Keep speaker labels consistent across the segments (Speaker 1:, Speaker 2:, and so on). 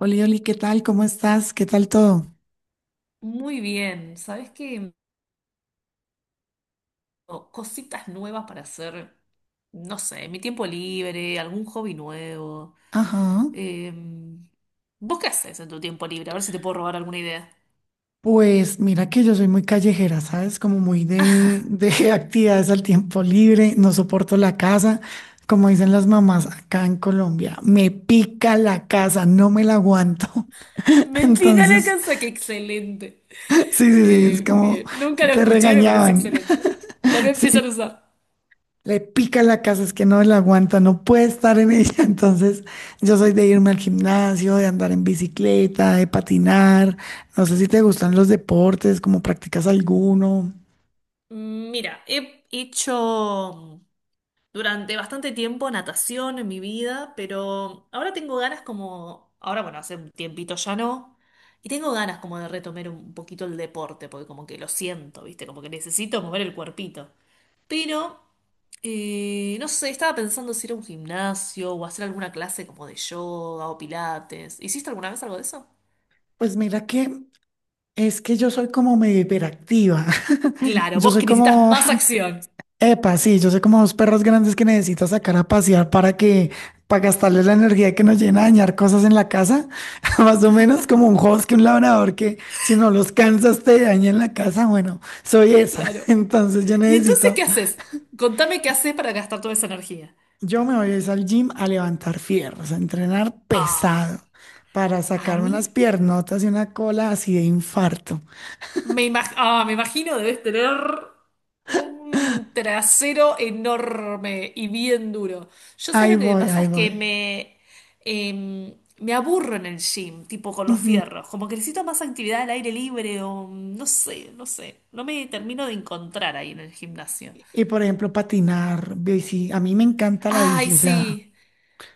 Speaker 1: Oli, Oli, ¿qué tal? ¿Cómo estás? ¿Qué tal todo?
Speaker 2: Muy bien, ¿sabes qué? O cositas nuevas para hacer, no sé, en mi tiempo libre, algún hobby nuevo.
Speaker 1: Ajá.
Speaker 2: Em, ¿Vos qué haces en tu tiempo libre? A ver si te puedo robar alguna idea.
Speaker 1: Pues mira que yo soy muy callejera, ¿sabes? Como muy de actividades al tiempo libre, no soporto la casa, como dicen las mamás acá en Colombia, me pica la casa, no me la aguanto.
Speaker 2: Me pica la
Speaker 1: Entonces,
Speaker 2: casa, qué excelente.
Speaker 1: sí, sí, sí, es como
Speaker 2: Bien, nunca lo
Speaker 1: te
Speaker 2: escuché, me parece
Speaker 1: regañaban.
Speaker 2: excelente. La voy a empezar
Speaker 1: Sí.
Speaker 2: a usar.
Speaker 1: Le pica la casa, es que no la aguanta, no puede estar en ella. Entonces, yo soy de irme al gimnasio, de andar en bicicleta, de patinar. No sé si te gustan los deportes, como practicas alguno.
Speaker 2: Mira, he hecho durante bastante tiempo natación en mi vida, pero ahora tengo ganas como, ahora bueno, hace un tiempito ya no, y tengo ganas como de retomar un poquito el deporte, porque como que lo siento, ¿viste? Como que necesito mover el cuerpito. Pero, no sé, estaba pensando si ir a un gimnasio o hacer alguna clase como de yoga o pilates. ¿Hiciste alguna vez algo de eso?
Speaker 1: Pues mira que es que yo soy como medio hiperactiva.
Speaker 2: Claro,
Speaker 1: Yo
Speaker 2: vos
Speaker 1: soy
Speaker 2: que necesitas
Speaker 1: como,
Speaker 2: más acción.
Speaker 1: epa, sí, yo sé como dos perros grandes que necesitas sacar a pasear para que, para gastarles la energía que nos llena a dañar cosas en la casa. Más o menos como un husky, un labrador que si no los cansas te daña en la casa. Bueno, soy esa.
Speaker 2: Claro.
Speaker 1: Entonces yo
Speaker 2: ¿Y entonces qué
Speaker 1: necesito,
Speaker 2: haces? Contame qué haces para gastar toda esa energía.
Speaker 1: yo me voy a ir al gym a levantar fierros, a entrenar pesado
Speaker 2: Ah,
Speaker 1: para
Speaker 2: a
Speaker 1: sacar
Speaker 2: mí
Speaker 1: unas piernotas y una cola así de infarto.
Speaker 2: Ah, me imagino debes tener un trasero enorme y bien duro. Yo sé
Speaker 1: Ahí
Speaker 2: lo que me
Speaker 1: voy,
Speaker 2: pasa
Speaker 1: ahí
Speaker 2: es que
Speaker 1: voy.
Speaker 2: me, me aburro en el gym, tipo con los
Speaker 1: Ujú.
Speaker 2: fierros. Como que necesito más actividad al aire libre o no sé. No me termino de encontrar ahí en el gimnasio.
Speaker 1: Y por ejemplo, patinar, bici. A mí me encanta la
Speaker 2: Ay,
Speaker 1: bici, o sea,
Speaker 2: sí.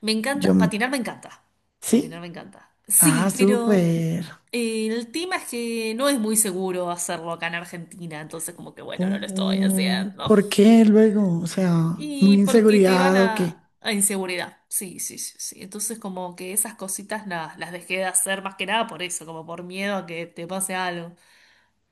Speaker 2: Me
Speaker 1: yo
Speaker 2: encanta,
Speaker 1: m-.
Speaker 2: patinar me encanta. Patinar me
Speaker 1: Sí.
Speaker 2: encanta.
Speaker 1: Ah,
Speaker 2: Sí, pero
Speaker 1: súper.
Speaker 2: el tema es que no es muy seguro hacerlo acá en Argentina, entonces como que bueno, no lo estoy
Speaker 1: Oh,
Speaker 2: haciendo.
Speaker 1: ¿por qué luego? O sea, muy
Speaker 2: Y porque te van
Speaker 1: inseguridad o qué.
Speaker 2: a inseguridad. Sí, sí, sí, sí. Entonces como que esas cositas las dejé de hacer más que nada por eso, como por miedo a que te pase algo.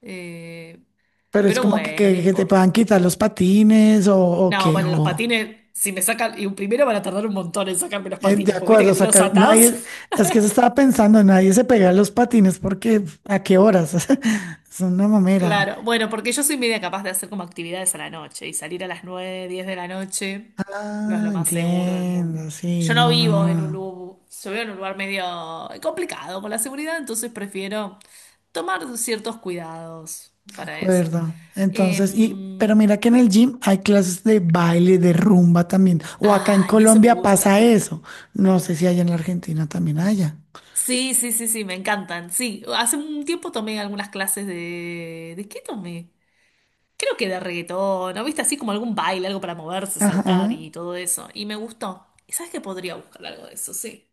Speaker 2: Eh,
Speaker 1: Pero es
Speaker 2: pero
Speaker 1: como que,
Speaker 2: bueno, no
Speaker 1: que, que te
Speaker 2: importa.
Speaker 1: puedan quitar los patines o
Speaker 2: No,
Speaker 1: qué.
Speaker 2: bueno, los
Speaker 1: O,
Speaker 2: patines, si me sacan, y primero van a tardar un montón en sacarme los
Speaker 1: de
Speaker 2: patines, porque viste
Speaker 1: acuerdo,
Speaker 2: que te los
Speaker 1: sacar.
Speaker 2: atás.
Speaker 1: Nadie. Es que se estaba pensando, nadie se pega los patines porque ¿a qué horas? Es una mamera.
Speaker 2: Claro, bueno, porque yo soy media capaz de hacer como actividades a la noche y salir a las 9, 10 de la noche no es
Speaker 1: Ah,
Speaker 2: lo más seguro del mundo.
Speaker 1: entiendo. Sí,
Speaker 2: Yo no
Speaker 1: no, no,
Speaker 2: vivo en un
Speaker 1: no.
Speaker 2: lugar, yo vivo en un lugar medio complicado con la seguridad, entonces prefiero tomar ciertos cuidados para eso.
Speaker 1: Acuerdo.
Speaker 2: Eh,
Speaker 1: Entonces, y, pero mira que en el gym hay clases de baile, de rumba también. O acá en
Speaker 2: ah, y eso me
Speaker 1: Colombia pasa
Speaker 2: gusta.
Speaker 1: eso. No sé si allá en la Argentina también haya.
Speaker 2: Sí, sí, sí, sí, me encantan. Sí, hace un tiempo tomé algunas clases de... ¿De qué tomé? Creo que de reggaetón, ¿no? ¿Viste? Así como algún baile, algo para moverse, saltar
Speaker 1: Ajá.
Speaker 2: y todo eso. Y me gustó. ¿Y sabes que podría buscar algo de eso? Sí.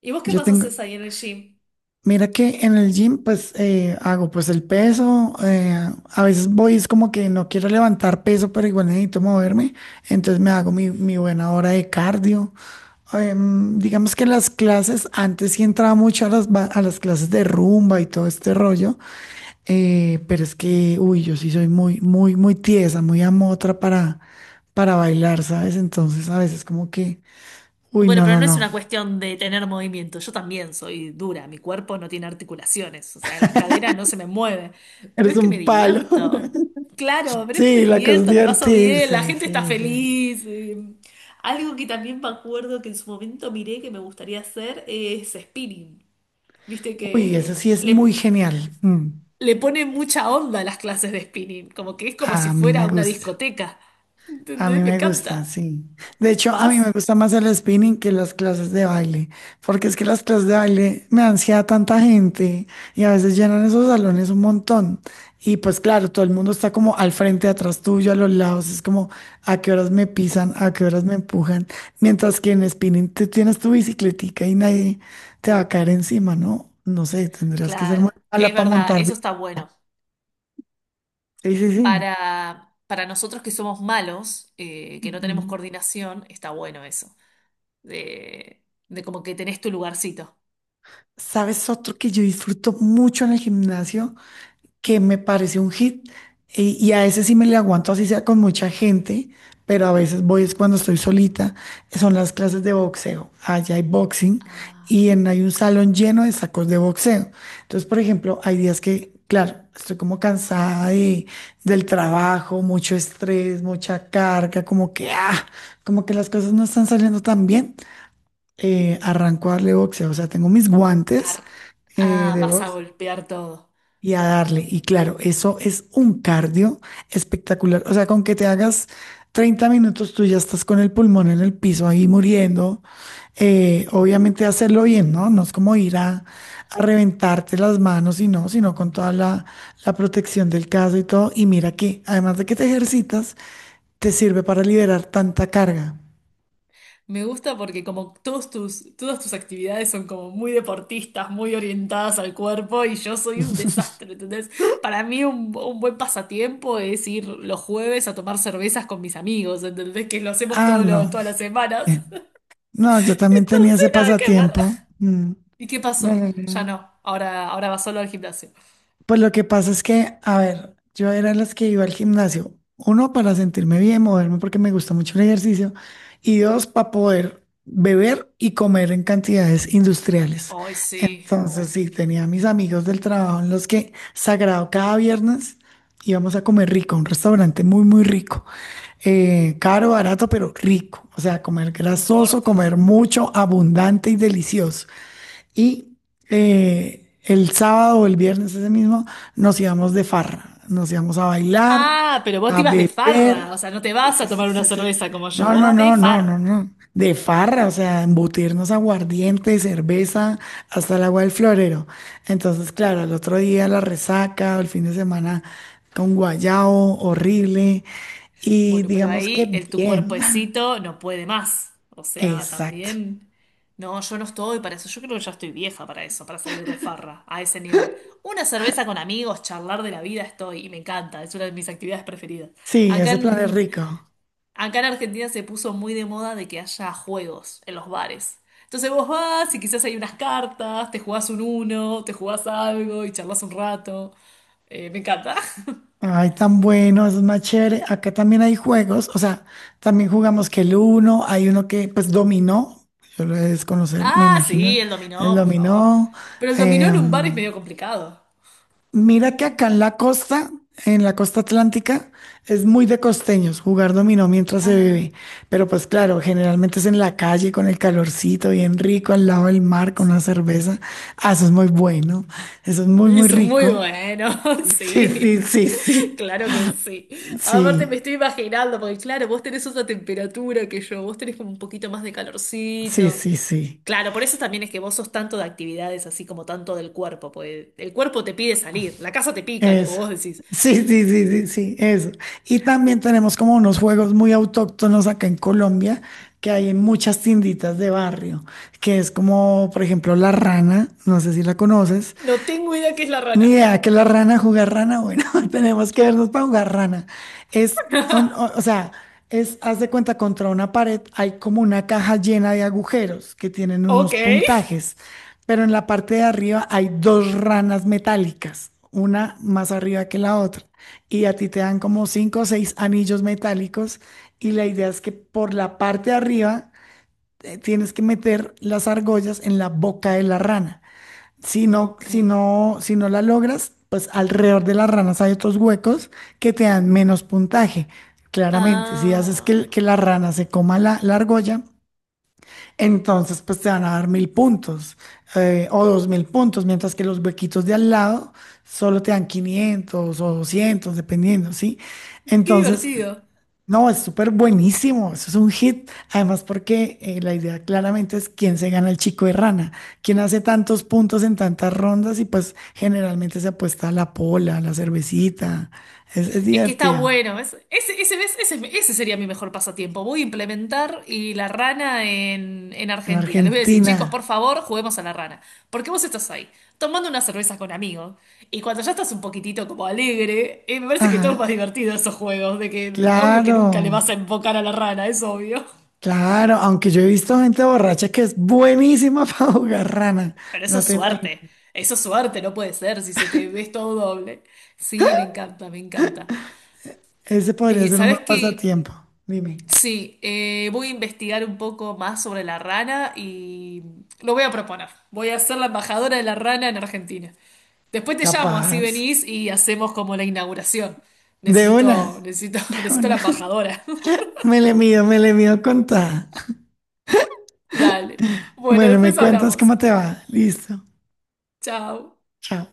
Speaker 2: ¿Y vos qué
Speaker 1: Yo
Speaker 2: más
Speaker 1: tengo.
Speaker 2: haces ahí en el gym?
Speaker 1: Mira que en el gym pues hago pues el peso, a veces voy es como que no quiero levantar peso, pero igual necesito moverme, entonces me hago mi, mi buena hora de cardio. Digamos que las clases, antes sí entraba mucho a las, a las clases de rumba y todo este rollo, pero es que, uy, yo sí soy muy, muy, muy tiesa, muy amotra para bailar, ¿sabes? Entonces a veces como que, uy,
Speaker 2: Bueno,
Speaker 1: no,
Speaker 2: pero
Speaker 1: no,
Speaker 2: no es
Speaker 1: no,
Speaker 2: una cuestión de tener movimiento. Yo también soy dura. Mi cuerpo no tiene articulaciones. O sea, las caderas no se me mueven. Pero
Speaker 1: eres
Speaker 2: es que me
Speaker 1: un palo.
Speaker 2: divierto. Claro, pero es que me
Speaker 1: Sí, la cosa es
Speaker 2: divierto, la paso bien, la
Speaker 1: divertirse,
Speaker 2: gente está
Speaker 1: sí, sí.
Speaker 2: feliz. Algo que también me acuerdo que en su momento miré que me gustaría hacer es spinning. Viste
Speaker 1: Uy,
Speaker 2: que
Speaker 1: eso sí es
Speaker 2: le,
Speaker 1: muy genial. Mm,
Speaker 2: le pone mucha onda a las clases de spinning, como que es como si
Speaker 1: a mí me
Speaker 2: fuera una
Speaker 1: gusta.
Speaker 2: discoteca.
Speaker 1: A
Speaker 2: ¿Entendés?
Speaker 1: mí
Speaker 2: Me
Speaker 1: me gusta,
Speaker 2: encanta.
Speaker 1: sí. De hecho, a mí
Speaker 2: ¿Vas?
Speaker 1: me gusta más el spinning que las clases de baile, porque es que las clases de baile me dan ansiedad tanta gente y a veces llenan esos salones un montón. Y pues claro, todo el mundo está como al frente, atrás tuyo, a los lados, es como a qué horas me pisan, a qué horas me empujan, mientras que en spinning tú tienes tu bicicletica y nadie te va a caer encima, ¿no? No sé, tendrías que ser muy
Speaker 2: Claro, es
Speaker 1: mala para
Speaker 2: verdad,
Speaker 1: montar
Speaker 2: eso está
Speaker 1: bicicleta.
Speaker 2: bueno.
Speaker 1: Sí, sí, sí.
Speaker 2: Para nosotros que somos malos, que no tenemos
Speaker 1: Ujú.
Speaker 2: coordinación, está bueno eso. De como que tenés tu lugarcito.
Speaker 1: ¿Sabes otro que yo disfruto mucho en el gimnasio? Que me parece un hit y a ese sí me le aguanto así sea con mucha gente, pero a veces voy es cuando estoy solita, son las clases de boxeo. Allá hay boxing
Speaker 2: Ah,
Speaker 1: y en, hay un salón lleno de sacos de boxeo. Entonces, por ejemplo, hay días que, claro, estoy como cansada de, del trabajo, mucho estrés, mucha carga, como que, ah, como que las cosas no están saliendo tan bien. Arranco a darle boxeo, o sea, tengo mis guantes
Speaker 2: ar- ah,
Speaker 1: de
Speaker 2: vas a
Speaker 1: box
Speaker 2: golpear todo.
Speaker 1: y a darle. Y claro, eso es un cardio espectacular. O sea, con que te hagas 30 minutos, tú ya estás con el pulmón en el piso ahí muriendo. Obviamente hacerlo bien, ¿no? No es como ir a reventarte las manos y no, sino con toda la, la protección del caso y todo. Y mira que, además de que te ejercitas, te sirve para liberar tanta carga.
Speaker 2: Me gusta porque como todas tus actividades son como muy deportistas, muy orientadas al cuerpo y yo soy un desastre, ¿entendés? Para mí un buen pasatiempo es ir los jueves a tomar cervezas con mis amigos, ¿entendés? Que lo hacemos
Speaker 1: Ah, no.
Speaker 2: todas las semanas.
Speaker 1: Eh, No, yo también tenía
Speaker 2: Entonces
Speaker 1: ese
Speaker 2: nada que ver.
Speaker 1: pasatiempo. Mm.
Speaker 2: ¿Y qué
Speaker 1: No,
Speaker 2: pasó?
Speaker 1: no,
Speaker 2: Ya
Speaker 1: no.
Speaker 2: no, ahora va solo al gimnasio.
Speaker 1: Pues lo que pasa es que, a ver, yo era de las que iba al gimnasio. Uno, para sentirme bien, moverme porque me gusta mucho el ejercicio. Y dos, para poder beber y comer en cantidades industriales.
Speaker 2: Ay, sí,
Speaker 1: Entonces,
Speaker 2: oh,
Speaker 1: sí, tenía a mis amigos del trabajo en los que, sagrado, cada viernes íbamos a comer rico, a un restaurante muy, muy rico. Caro, barato, pero rico. O sea, comer
Speaker 2: no
Speaker 1: grasoso,
Speaker 2: importas.
Speaker 1: comer mucho, abundante y delicioso. Y el sábado o el viernes ese mismo nos íbamos de farra, nos íbamos a bailar,
Speaker 2: Ah, pero vos te
Speaker 1: a
Speaker 2: ibas de farra, o
Speaker 1: beber.
Speaker 2: sea, no te
Speaker 1: Sí,
Speaker 2: vas
Speaker 1: sí,
Speaker 2: a tomar
Speaker 1: sí,
Speaker 2: una
Speaker 1: sí, sí.
Speaker 2: cerveza como yo,
Speaker 1: No,
Speaker 2: vos
Speaker 1: no,
Speaker 2: vas de
Speaker 1: no, no, no,
Speaker 2: farra.
Speaker 1: no. De farra, o sea, embutirnos aguardiente, cerveza, hasta el agua del florero. Entonces, claro, el otro día la resaca, o el fin de semana con guayao, horrible. Y
Speaker 2: Bueno, pero
Speaker 1: digamos que
Speaker 2: ahí el tu
Speaker 1: bien.
Speaker 2: cuerpecito no puede más. O sea,
Speaker 1: Exacto.
Speaker 2: también. No, yo no estoy para eso. Yo creo que ya estoy vieja para eso, para salir de farra a ese nivel. Una cerveza con amigos, charlar de la vida estoy y me encanta. Es una de mis actividades preferidas.
Speaker 1: Sí,
Speaker 2: Acá
Speaker 1: ese plan es
Speaker 2: en,
Speaker 1: rico.
Speaker 2: acá en Argentina se puso muy de moda de que haya juegos en los bares. Entonces vos vas y quizás hay unas cartas, te jugás un uno, te jugás algo y charlas un rato. Me encanta.
Speaker 1: Ay, tan bueno, eso es más chévere. Acá también hay juegos, o sea, también jugamos que el uno, hay uno que pues dominó, yo lo he de desconocer, me
Speaker 2: Ah,
Speaker 1: imagino,
Speaker 2: sí, el
Speaker 1: el
Speaker 2: dominó, por favor.
Speaker 1: dominó.
Speaker 2: Pero el dominó en un bar es
Speaker 1: Em,
Speaker 2: medio complicado.
Speaker 1: mira que acá en la costa atlántica, es muy de costeños jugar dominó mientras se bebe,
Speaker 2: Ah,
Speaker 1: pero pues claro, generalmente es en la calle con el calorcito bien rico, al lado del mar con una
Speaker 2: sí.
Speaker 1: cerveza. Ah, eso es muy bueno, eso es muy, muy
Speaker 2: Eso es muy
Speaker 1: rico.
Speaker 2: bueno,
Speaker 1: Sí, sí,
Speaker 2: sí.
Speaker 1: sí, sí. Sí.
Speaker 2: Claro que sí. Aparte me
Speaker 1: Sí.
Speaker 2: estoy imaginando, porque claro, vos tenés otra temperatura que yo, vos tenés como un poquito más de
Speaker 1: Sí,
Speaker 2: calorcito.
Speaker 1: sí, sí.
Speaker 2: Claro, por eso también es que vos sos tanto de actividades así como tanto del cuerpo, pues el cuerpo te pide salir, la casa te pica, como
Speaker 1: Eso.
Speaker 2: vos decís.
Speaker 1: Sí, sí, sí, sí, sí, eso. Y también tenemos como unos juegos muy autóctonos acá en Colombia que hay en muchas tienditas de barrio, que es como, por ejemplo, la rana, no sé si la conoces.
Speaker 2: No tengo idea qué es la
Speaker 1: Ni
Speaker 2: rana.
Speaker 1: idea que la rana jugar rana, bueno, tenemos que vernos para jugar rana. Es o sea, es, haz de cuenta, contra una pared hay como una caja llena de agujeros que tienen unos
Speaker 2: Ok.
Speaker 1: puntajes, pero en la parte de arriba hay dos ranas metálicas, una más arriba que la otra, y a ti te dan como cinco o seis anillos metálicos, y la idea es que por la parte de arriba tienes que meter las argollas en la boca de la rana. Si no,
Speaker 2: Ok.
Speaker 1: si no, si no la logras, pues alrededor de las ranas hay otros huecos que te dan menos puntaje. Claramente, si haces que,
Speaker 2: Ah,
Speaker 1: que la rana se coma la, la argolla, entonces pues te van a dar 1.000 puntos o 2.000 puntos, mientras que los huequitos de al lado solo te dan 500 o 200 dependiendo, ¿sí?
Speaker 2: qué
Speaker 1: Entonces,
Speaker 2: divertido.
Speaker 1: no, es súper buenísimo, eso es un hit. Además, porque la idea claramente es quién se gana el chico de rana, quién hace tantos puntos en tantas rondas y pues generalmente se apuesta a la pola, a la cervecita. Es
Speaker 2: Es que está
Speaker 1: divertido.
Speaker 2: bueno. Ese sería mi mejor pasatiempo. Voy a implementar y la rana en
Speaker 1: En
Speaker 2: Argentina. Les voy a decir,
Speaker 1: Argentina.
Speaker 2: chicos, por favor, juguemos a la rana. Porque vos estás ahí, tomando una cerveza con amigos. Y cuando ya estás un poquitito como alegre, me parece que todo es
Speaker 1: Ajá,
Speaker 2: más divertido esos juegos. De que, obvio que nunca le
Speaker 1: claro,
Speaker 2: vas a enfocar a la rana, es obvio.
Speaker 1: claro. Aunque yo he visto gente borracha que es buenísima para jugar rana,
Speaker 2: Pero eso
Speaker 1: no
Speaker 2: es
Speaker 1: te imaginas.
Speaker 2: suerte. Eso es suerte, no puede ser si se te ves todo doble. Sí, me encanta, me encanta.
Speaker 1: Ese podría ser un buen
Speaker 2: ¿Sabes qué?
Speaker 1: pasatiempo, dime.
Speaker 2: Sí, voy a investigar un poco más sobre la rana y lo voy a proponer. Voy a ser la embajadora de la rana en Argentina. Después te llamo, así
Speaker 1: Capaz.
Speaker 2: venís y hacemos como la inauguración.
Speaker 1: De una,
Speaker 2: Necesito, necesito,
Speaker 1: de
Speaker 2: necesito
Speaker 1: una.
Speaker 2: la embajadora.
Speaker 1: Me le mido contada.
Speaker 2: Dale. Bueno,
Speaker 1: Bueno, me
Speaker 2: después
Speaker 1: cuentas
Speaker 2: hablamos.
Speaker 1: cómo te va. Listo.
Speaker 2: Chao.
Speaker 1: Chao.